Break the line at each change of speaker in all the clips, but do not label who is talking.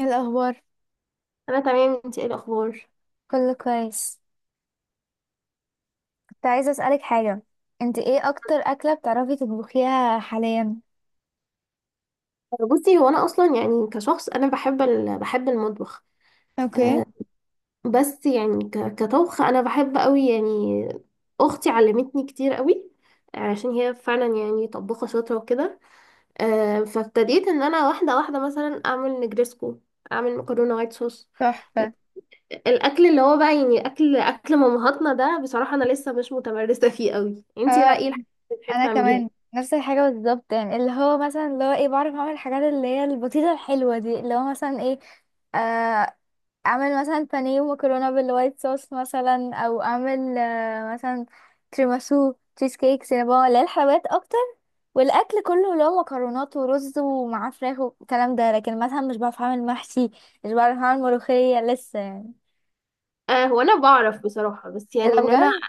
إيه الأخبار؟
انا تمام، انت ايه الاخبار؟
كله كويس. كنت عايزة أسألك حاجة. انت ايه أكتر أكلة بتعرفي تطبخيها حاليا؟
بصي، هو انا اصلا يعني كشخص انا بحب بحب المطبخ.
اوكي.
أه. بس يعني كطبخ انا بحب قوي يعني. اختي علمتني كتير قوي، عشان هي فعلا يعني طباخه شاطره وكده. أه، فابتديت ان انا واحده واحده مثلا اعمل نجريسكو، اعمل مكرونه وايت صوص.
تحفة.
الاكل اللي هو بقى يعني اكل مامهاتنا ده بصراحه انا لسه مش متمرسه فيه قوي. انت بقى
آه.
ايه الحاجات اللي بتحبي
أنا
تعمليها؟
كمان نفس الحاجة بالظبط، يعني اللي هو بعرف أعمل الحاجات اللي هي البسيطة الحلوة دي، اللي هو مثلا ايه آه اعمل مثلا بانيه ومكرونه بالوايت صوص، مثلا، او اعمل، مثلا، تيراميسو تشيز كيك سينابون، اللي هي الحلويات اكتر. والاكل كله اللي هو مكرونات ورز ومعاه فراخ والكلام ده، لكن مثلا مش بعرف اعمل محشي، مش بعرف اعمل ملوخيه لسه يعني.
أه، هو انا بعرف بصراحه، بس
ايه
يعني
ده
ان انا.
بجد؟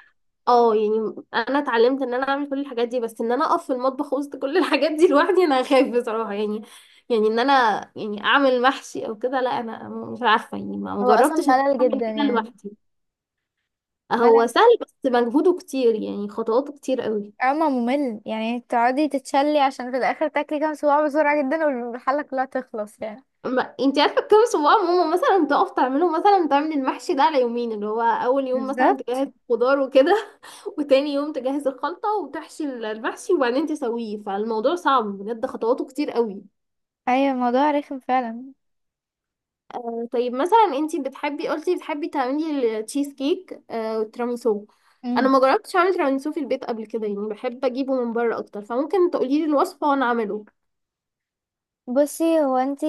اه، يعني انا اتعلمت ان انا اعمل كل الحاجات دي، بس ان انا اقف في المطبخ وسط كل الحاجات دي لوحدي انا هخاف بصراحه يعني. يعني ان انا. يعني اعمل محشي او كده، لا انا مش عارفه يعني ما
هو اصلا
جربتش ان انا
ملل
اعمل
جدا
كده
يعني.
لوحدي. هو
ملل.
سهل بس مجهوده كتير يعني، خطواته كتير قوي.
اما ممل، يعني تقعدي تتشلي عشان في الاخر تاكلي كام صباع بسرعه جدا والحله كلها تخلص، يعني.
ما انت عارفه كام صباع، ماما مثلا تقف تعمله، مثلا تعمل المحشي ده على يومين، اللي هو اول يوم مثلا
بالظبط.
تجهز خضار وكده، وتاني يوم تجهز الخلطه وتحشي المحشي وبعدين تسويه، فالموضوع صعب بجد، خطواته كتير قوي.
ايوه، الموضوع رخم فعلا.
طيب، مثلا انتي قلتي بتحبي تعملي التشيز كيك، آه، والتيراميسو. انا ما جربتش اعمل تيراميسو في البيت قبل كده يعني، بحب اجيبه من بره اكتر، فممكن تقولي لي الوصفه وانا اعمله.
بصي، هو انتي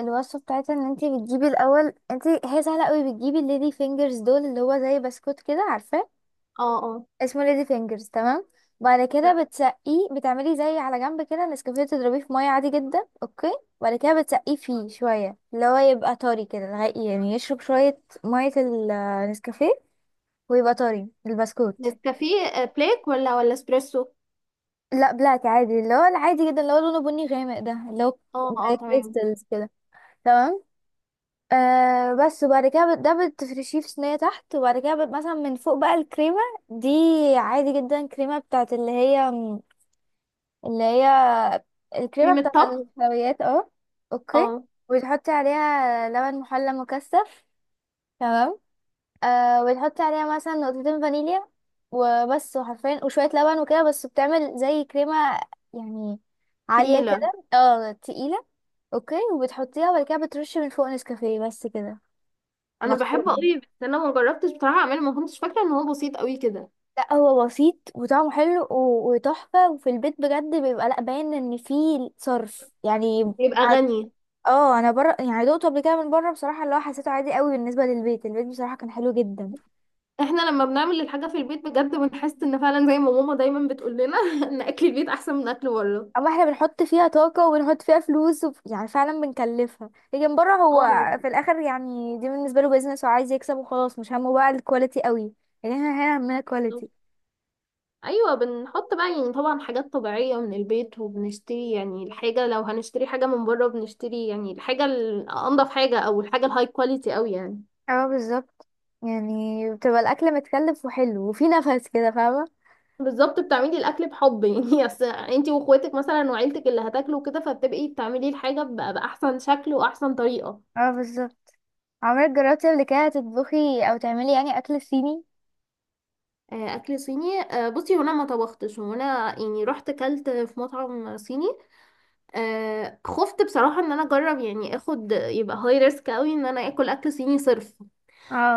الوصفة بتاعتها ان انتي بتجيبي الاول، انتي هي سهلة قوي. بتجيبي الليدي فينجرز دول، اللي هو زي بسكوت كده، عارفاه؟
اه، اه.
اسمه ليدي فينجرز، تمام. بعد كده بتسقيه، بتعملي زي على جنب كده نسكافيه، تضربيه في مية عادي جدا، اوكي؟ بعد كده بتسقيه فيه شوية، اللي هو يبقى طري كده لغاية يعني يشرب شوية مية، النسكافيه، ويبقى طري البسكوت.
نسكافيه، بلاك ولا اسبريسو؟
لا، بلاك عادي، اللي هو العادي جدا، اللي هو لونه بني غامق ده، اللي هو
اه،
زي
اه، تمام.
كريستالز كده، تمام. آه بس. وبعد كده ده بتفرشيه في صينية تحت، وبعد كده مثلا من فوق بقى الكريمة دي، عادي جدا، كريمة بتاعت اللي هي الكريمة
كريمه
بتاعت
طبخ.
الحلويات، اه. اوكي،
اه،
وتحطي عليها لبن محلى مكثف. تمام. آه، وتحطي عليها مثلا نقطتين فانيليا وبس. وحرفيا وشوية لبن وكده بس، بتعمل زي كريمة يعني، عالية
تقيله.
كده تقيلة. اوكي، وبتحطيها، وبعد كده بترشي من فوق نسكافيه بس كده،
انا بحبه
مطحون.
قوي بس انا ما جربتش بصراحه اعمله، ما كنتش فاكره ان هو بسيط قوي كده.
لا، هو بسيط وطعمه حلو و- وتحفة، وفي البيت بجد بيبقى لا باين ان فيه صرف يعني.
يبقى
ع-
غني.
اه، انا بره يعني دقته قبل كده من بره بصراحة، اللي هو حسيته عادي قوي بالنسبة للبيت، البيت بصراحة كان حلو جدا.
احنا لما بنعمل الحاجه في البيت بجد بنحس ان فعلا زي ما ماما دايما بتقول لنا ان اكل البيت احسن من اكل بره.
اما احنا بنحط فيها طاقة وبنحط فيها فلوس يعني فعلا بنكلفها. لكن بره هو
اه.
في الاخر، يعني دي بالنسبة له بيزنس وعايز يكسب وخلاص، مش همه بقى الكواليتي قوي. لكن احنا هنا همنا كواليتي.
ايوه، بنحط بقى يعني طبعا حاجات طبيعيه من البيت وبنشتري يعني الحاجه، لو هنشتري حاجه من بره بنشتري يعني الحاجه الانضف حاجه او الحاجه الهاي كواليتي قوي يعني.
اه، بالظبط. يعني بتبقى الاكل متكلف وحلو وفي نفس كده، فاهمة؟
بالظبط، بتعملي الاكل بحب يعني اصل انتي واخواتك مثلا وعيلتك اللي هتاكلوا كده، فبتبقي بتعملي الحاجه باحسن شكل واحسن طريقه.
اه بالظبط. عمرك جربتي قبل كده تطبخي او تعملي يعني اكل صيني؟
آه، اكل صيني، بصي، هنا ما طبختش وانا يعني رحت كلت في مطعم صيني. آه، خفت بصراحه ان انا اجرب يعني اخد، يبقى هاي ريسك قوي ان انا اكل اكل صيني صرف.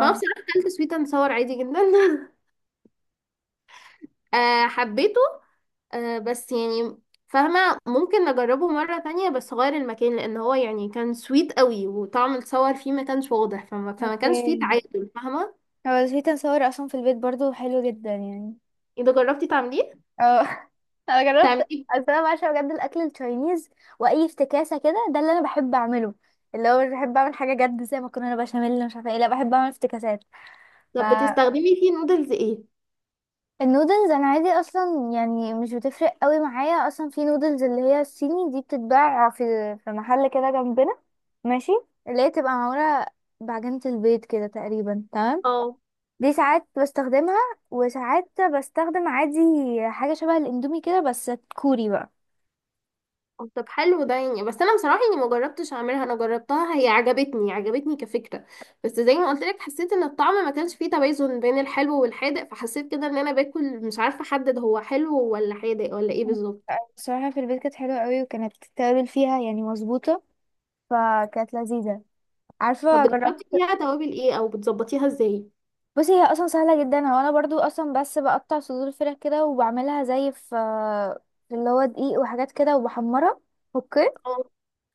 فهو بصراحة اكلت سويت اند صور عادي جدا. آه، حبيته. آه، بس يعني، فاهمة، ممكن نجربه مرة تانية بس غير المكان، لأن هو يعني كان سويت قوي وطعم الصور فيه ما كانش واضح، فما كانش فيه
اوكي،
تعادل، فاهمة.
هو في تنصور اصلا في البيت برضو، حلو جدا يعني.
إذا جربتي تعمليه.
اه. انا جربت.
تعمليه.
اصل انا بعشق بجد الاكل التشاينيز، واي افتكاسه كده ده اللي انا بحب اعمله. اللي هو مش بحب اعمل حاجه جد زي مكرونه بشاميل مش عارفه ايه، لا بحب اعمل افتكاسات.
طب بتستخدمي فيه نودلز ايه؟
النودلز انا عادي اصلا، يعني مش بتفرق قوي معايا. اصلا في نودلز اللي هي الصيني دي بتتباع في محل كده جنبنا، ماشي، اللي هي تبقى معموله بعجينه البيض كده تقريبا، تمام.
اه.
دي ساعات بستخدمها وساعات بستخدم عادي حاجه شبه الاندومي كده بس كوري بقى.
طب حلو ده يعني، بس انا بصراحه يعني ما جربتش اعملها، انا جربتها هي عجبتني عجبتني كفكره. بس زي ما قلت لك حسيت ان الطعم ما كانش فيه توازن بين الحلو والحادق، فحسيت كده ان انا باكل مش عارفه احدد هو حلو ولا حادق ولا ايه بالظبط.
بصراحه في البيت كانت حلوه قوي، وكانت التوابل فيها يعني مظبوطه، فكانت لذيذه.
طب
عارفه،
بتحطي
جربت.
فيها توابل ايه او بتظبطيها ازاي؟
بصي هي اصلا سهله جدا. هو انا برضو اصلا بس بقطع صدور الفراخ كده وبعملها زي في اللي هو دقيق وحاجات كده، وبحمرها. اوكي.
اه،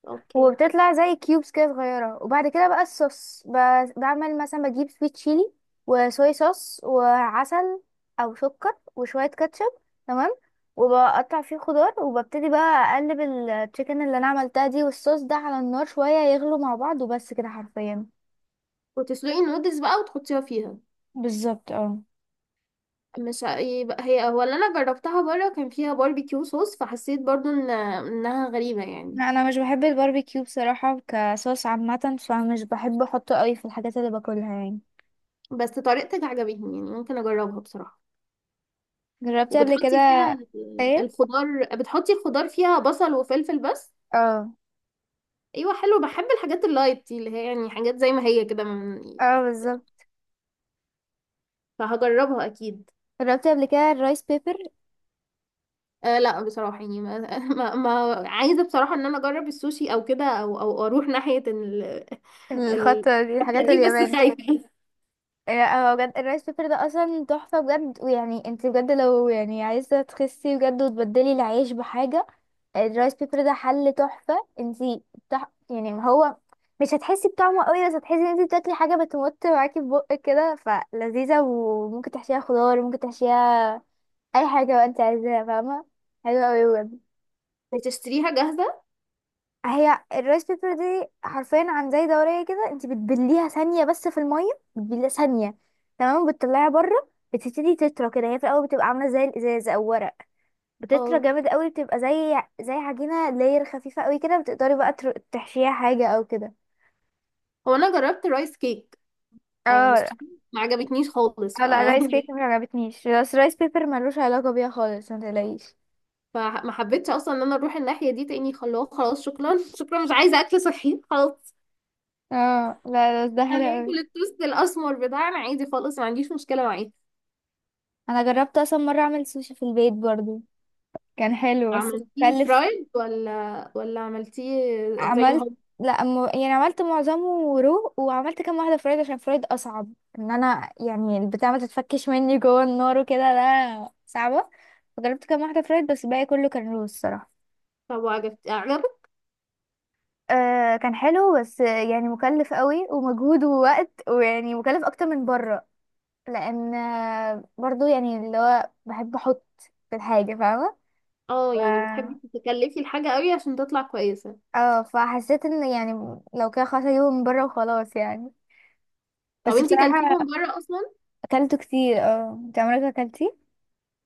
اوكي.
وبتطلع زي كيوبس كده صغيره. وبعد كده بقى الصوص، بعمل مثلا بجيب سويت تشيلي وصويا صوص وعسل، او سكر وشويه كاتشب، تمام. وبقطع فيه خضار وببتدي بقى اقلب التشيكن اللي انا عملتها دي والصوص ده على النار شويه يغلوا مع بعض، وبس كده حرفيا.
وتسلقي النودلز بقى وتحطيها فيها.
بالظبط. اه،
مش يبقى هي هو اللي انا جربتها بره كان فيها باربيكيو صوص، فحسيت برضو ان انها غريبه يعني.
لا، انا مش بحب الباربيكيو بصراحه كصوص عامه، فمش بحب احطه قوي في الحاجات اللي باكلها يعني.
بس طريقتك عجبتني يعني ممكن اجربها بصراحه.
جربت قبل كده.
وبتحطي فيها
ايه.
الخضار، بتحطي الخضار فيها بصل وفلفل بس؟
اه.
ايوه، حلو، بحب الحاجات اللايت دي اللي هي يعني حاجات زي ما هي كده
اه بالظبط.
فهجربها اكيد.
جربت قبل كده الرايس بيبر.
آه، لا بصراحة يعني ما, ما عايزة بصراحة ان انا اجرب السوشي او كده او اروح ناحية ال ال
الخطه دي
الحتة
الحاجات
دي بس
الياباني.
خايفة.
اه بجد، الرايس بيبر ده اصلا تحفه بجد. ويعني انت بجد، لو يعني عايزه تخسي بجد وتبدلي العيش بحاجه، الرايس بيبر ده حل تحفه. انت يعني هو مش هتحسي بطعمه قوي، بس هتحسي ان انت بتاكلي حاجه بتمط معاكي في بقك كده، فلذيذه. وممكن تحشيها خضار، ممكن تحشيها اي حاجه بقى انت عايزاها، فاهمه؟ حلوه قوي بجد.
بتشتريها جاهزة؟
هي الرايس بيبر دي حرفيا عن زي دورية كده، انت بتبليها ثانية بس في المية، بتبليها ثانية، تمام. بتطلعيها بره، بتبتدي تطرى كده. هي في الاول بتبقى عاملة زي الازاز او ورق، بتطرى
اه،
جامد قوي، بتبقى زي عجينة لاير خفيفة قوي كده، بتقدري بقى تحشيها حاجة او كده.
هو انا جربت رايس كيك. آه، بس
اه.
بصراحة ما عجبتنيش خالص، ف
اه لا، الرايس كيك ما عجبتنيش، بس الرايس بيبر ملوش علاقة بيها خالص، ما تقلقيش.
فما حبيتش اصلا ان انا اروح الناحيه دي تاني، خلاص خلاص شكرا، شكرا، مش عايزه اكل صحي خلاص.
اه لا، بس ده
انا
حلو قوي.
اكل التوست الاسمر بتاعنا عادي خالص، ما عنديش مشكله معاه.
انا جربت اصلا مرة اعمل سوشي في البيت برضو، كان حلو بس
عملتيه
بتكلف.
فرايد ولا عملتيه زي ما
عملت،
هو؟
لا يعني عملت معظمه رو، وعملت كام واحدة فرايد عشان فرايد أصعب، إن أنا يعني البتاع ما تتفكش مني جوه النار وكده ده، صعبة. فجربت كام واحدة فرايد، بس الباقي كله كان رو الصراحة.
طب وعجبت عجبك؟
آه كان حلو، بس يعني مكلف قوي، ومجهود ووقت، ويعني مكلف أكتر من بره لأن برضو يعني اللي هو بحب أحط في الحاجة، فاهمة؟
اه
ف...
يعني، بتحبي تتكلفي الحاجه قوي عشان تطلع كويسه.
اه، فحسيت ان يعني لو كده خلاص اجيبه من بره وخلاص يعني.
طب
بس
انتي كلتيه
بصراحة
من بره اصلا؟
اكلته كتير. اه انت عمرك اكلتي؟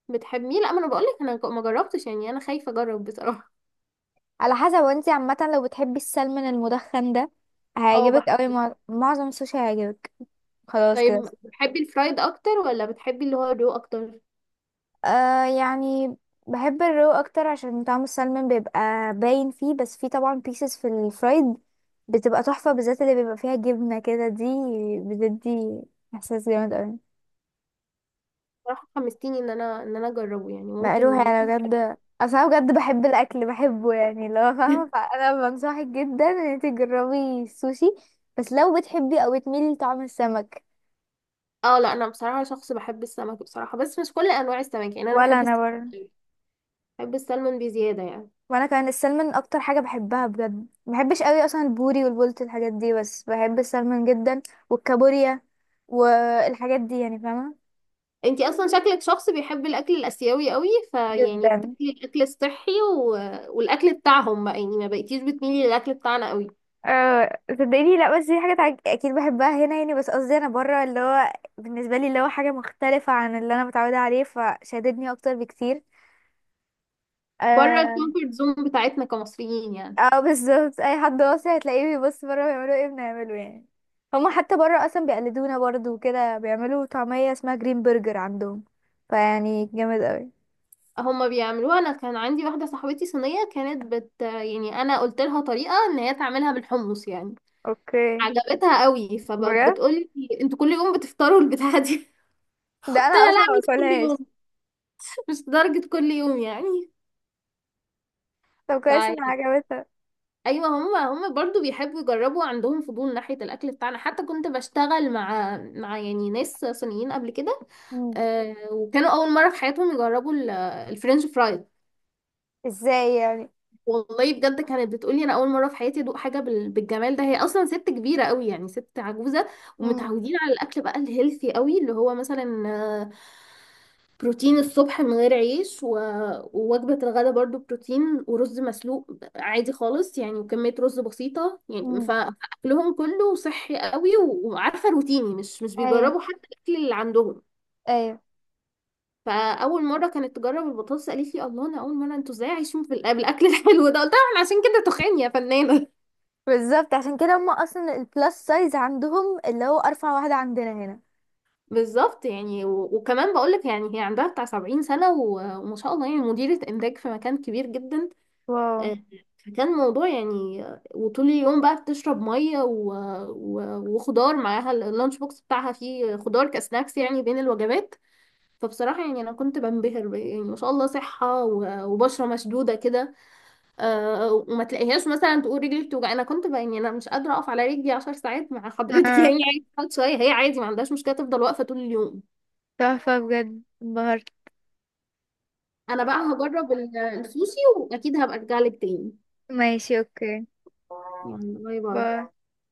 بتحبيه؟ لا، ما انا بقولك انا ما جربتش يعني، انا خايفه اجرب بصراحه.
على حسب. وانتي عامة، لو بتحبي السلمون المدخن ده
اه،
هيعجبك قوي،
بحب.
معظم السوشي هيعجبك. خلاص كده.
طيب بتحبي الفرايد اكتر ولا بتحبي اللي هو الرو اكتر؟
آه يعني، بحب الرو اكتر عشان طعم السلمون بيبقى باين فيه، بس فيه طبعا بيسز في الفرايد، بتبقى تحفة بالذات اللي بيبقى فيها جبنة كده دي، بتدي احساس جامد قوي.
بصراحة حمستيني ان انا اجربه يعني ممكن.
مقلوها انا
ممكن.
بجد، اصل انا بجد بحب الاكل، بحبه يعني، لو فاهمه. فانا بنصحك جدا ان انت تجربي السوشي بس لو بتحبي او بتميلي لطعم السمك.
اه لا، انا بصراحة شخص بحب السمك بصراحة، بس مش كل انواع السمك، يعني انا
ولا
بحب
انا
السمك،
برضه.
بحب السلمون بزيادة يعني.
وانا كمان السلمون اكتر حاجه بحبها بجد، ما بحبش قوي اصلا البوري والبولت الحاجات دي، بس بحب السلمون جدا. والكابوريا والحاجات دي يعني، فاهمه.
انتي اصلا شكلك شخص بيحب الاكل الاسيوي قوي، فيعني
جدا.
بتاكلي الاكل الصحي والاكل بتاعهم بقى يعني، ما بقيتيش بتميلي للاكل بتاعنا قوي.
أه صدقيني، لا، بس دي حاجة اكيد بحبها هنا يعني. بس قصدي انا بره، اللي هو بالنسبة لي اللي هو حاجة مختلفة عن اللي انا متعودة عليه، فشددني اكتر بكتير.
بره
اه.
الكومفورت زون بتاعتنا كمصريين يعني.
اه بالظبط، اي حد واصل هتلاقيه بيبص بره بيعملوا ايه، بنعمله يعني. هما حتى بره اصلا بيقلدونا برضو وكده، بيعملوا طعمية اسمها جرين برجر عندهم، فيعني جامد اوي.
هما بيعملوها، انا كان عندي واحدة صاحبتي صينية كانت بت يعني، انا قلت لها طريقة ان هي تعملها بالحمص يعني.
اوكي
عجبتها قوي
بجد.
فبتقولي انتوا كل يوم بتفطروا البتاعه دي؟
ده
قلت
انا
لها لا،
اصلا ما
مش كل
باكلهاش.
يوم، مش لدرجه كل يوم يعني.
طب كويس انها
فيعني،
عجبتها.
ايوه، هم برضو بيحبوا يجربوا، عندهم فضول ناحيه الاكل بتاعنا. حتى كنت بشتغل مع يعني ناس صينيين قبل كده.
مم.
آه، وكانوا اول مره في حياتهم يجربوا الفرنش فرايز.
ازاي يعني؟
والله بجد كانت بتقولي انا اول مره في حياتي ادوق حاجه بالجمال ده. هي اصلا ست كبيره قوي يعني، ست عجوزه،
مم.
ومتعودين على الاكل بقى الهيلثي قوي، اللي هو مثلا بروتين الصبح من غير عيش ووجبة الغداء برضو بروتين ورز مسلوق عادي خالص يعني، وكمية رز بسيطة يعني،
مم.
فأكلهم كله صحي قوي، وعارفة روتيني، مش
ايوه.
بيجربوا حتى الأكل اللي عندهم.
ايوه
فأول مرة كانت تجرب البطاطس قالت لي الله، أنا أول مرة، أنتوا إزاي عايشين في الأكل الحلو ده. قلت لها "إحنا عشان كده تخان يا فنانة."
بالظبط، عشان كده هم اصلا البلس سايز عندهم، اللي هو ارفع واحدة عندنا هنا.
بالظبط يعني، وكمان بقولك يعني هي عندها بتاع 70 سنة، وما شاء الله يعني مديرة إنتاج في مكان كبير جدا.
واو.
آه، فكان موضوع يعني، وطول اليوم بقى بتشرب مية وخضار معاها اللانش بوكس بتاعها فيه خضار كسناكس يعني بين الوجبات. فبصراحة يعني أنا كنت بنبهر يعني ما شاء الله، صحة وبشرة مشدودة كده. آه، وما تلاقيهاش مثلا تقول رجلي بتوجع. أنا كنت يعني أنا مش قادرة أقف على رجلي 10 ساعات مع حضرتك،
آه،
يعني عادي تقعد شوية، هي عادي ما عندهاش مشكلة تفضل واقفة طول اليوم.
تحفة بجد، انبهرت.
أنا بقى هجرب السوشي وأكيد هبقى أرجع لك تاني.
ماشي، اوكي.
يعني باي باي.
باي.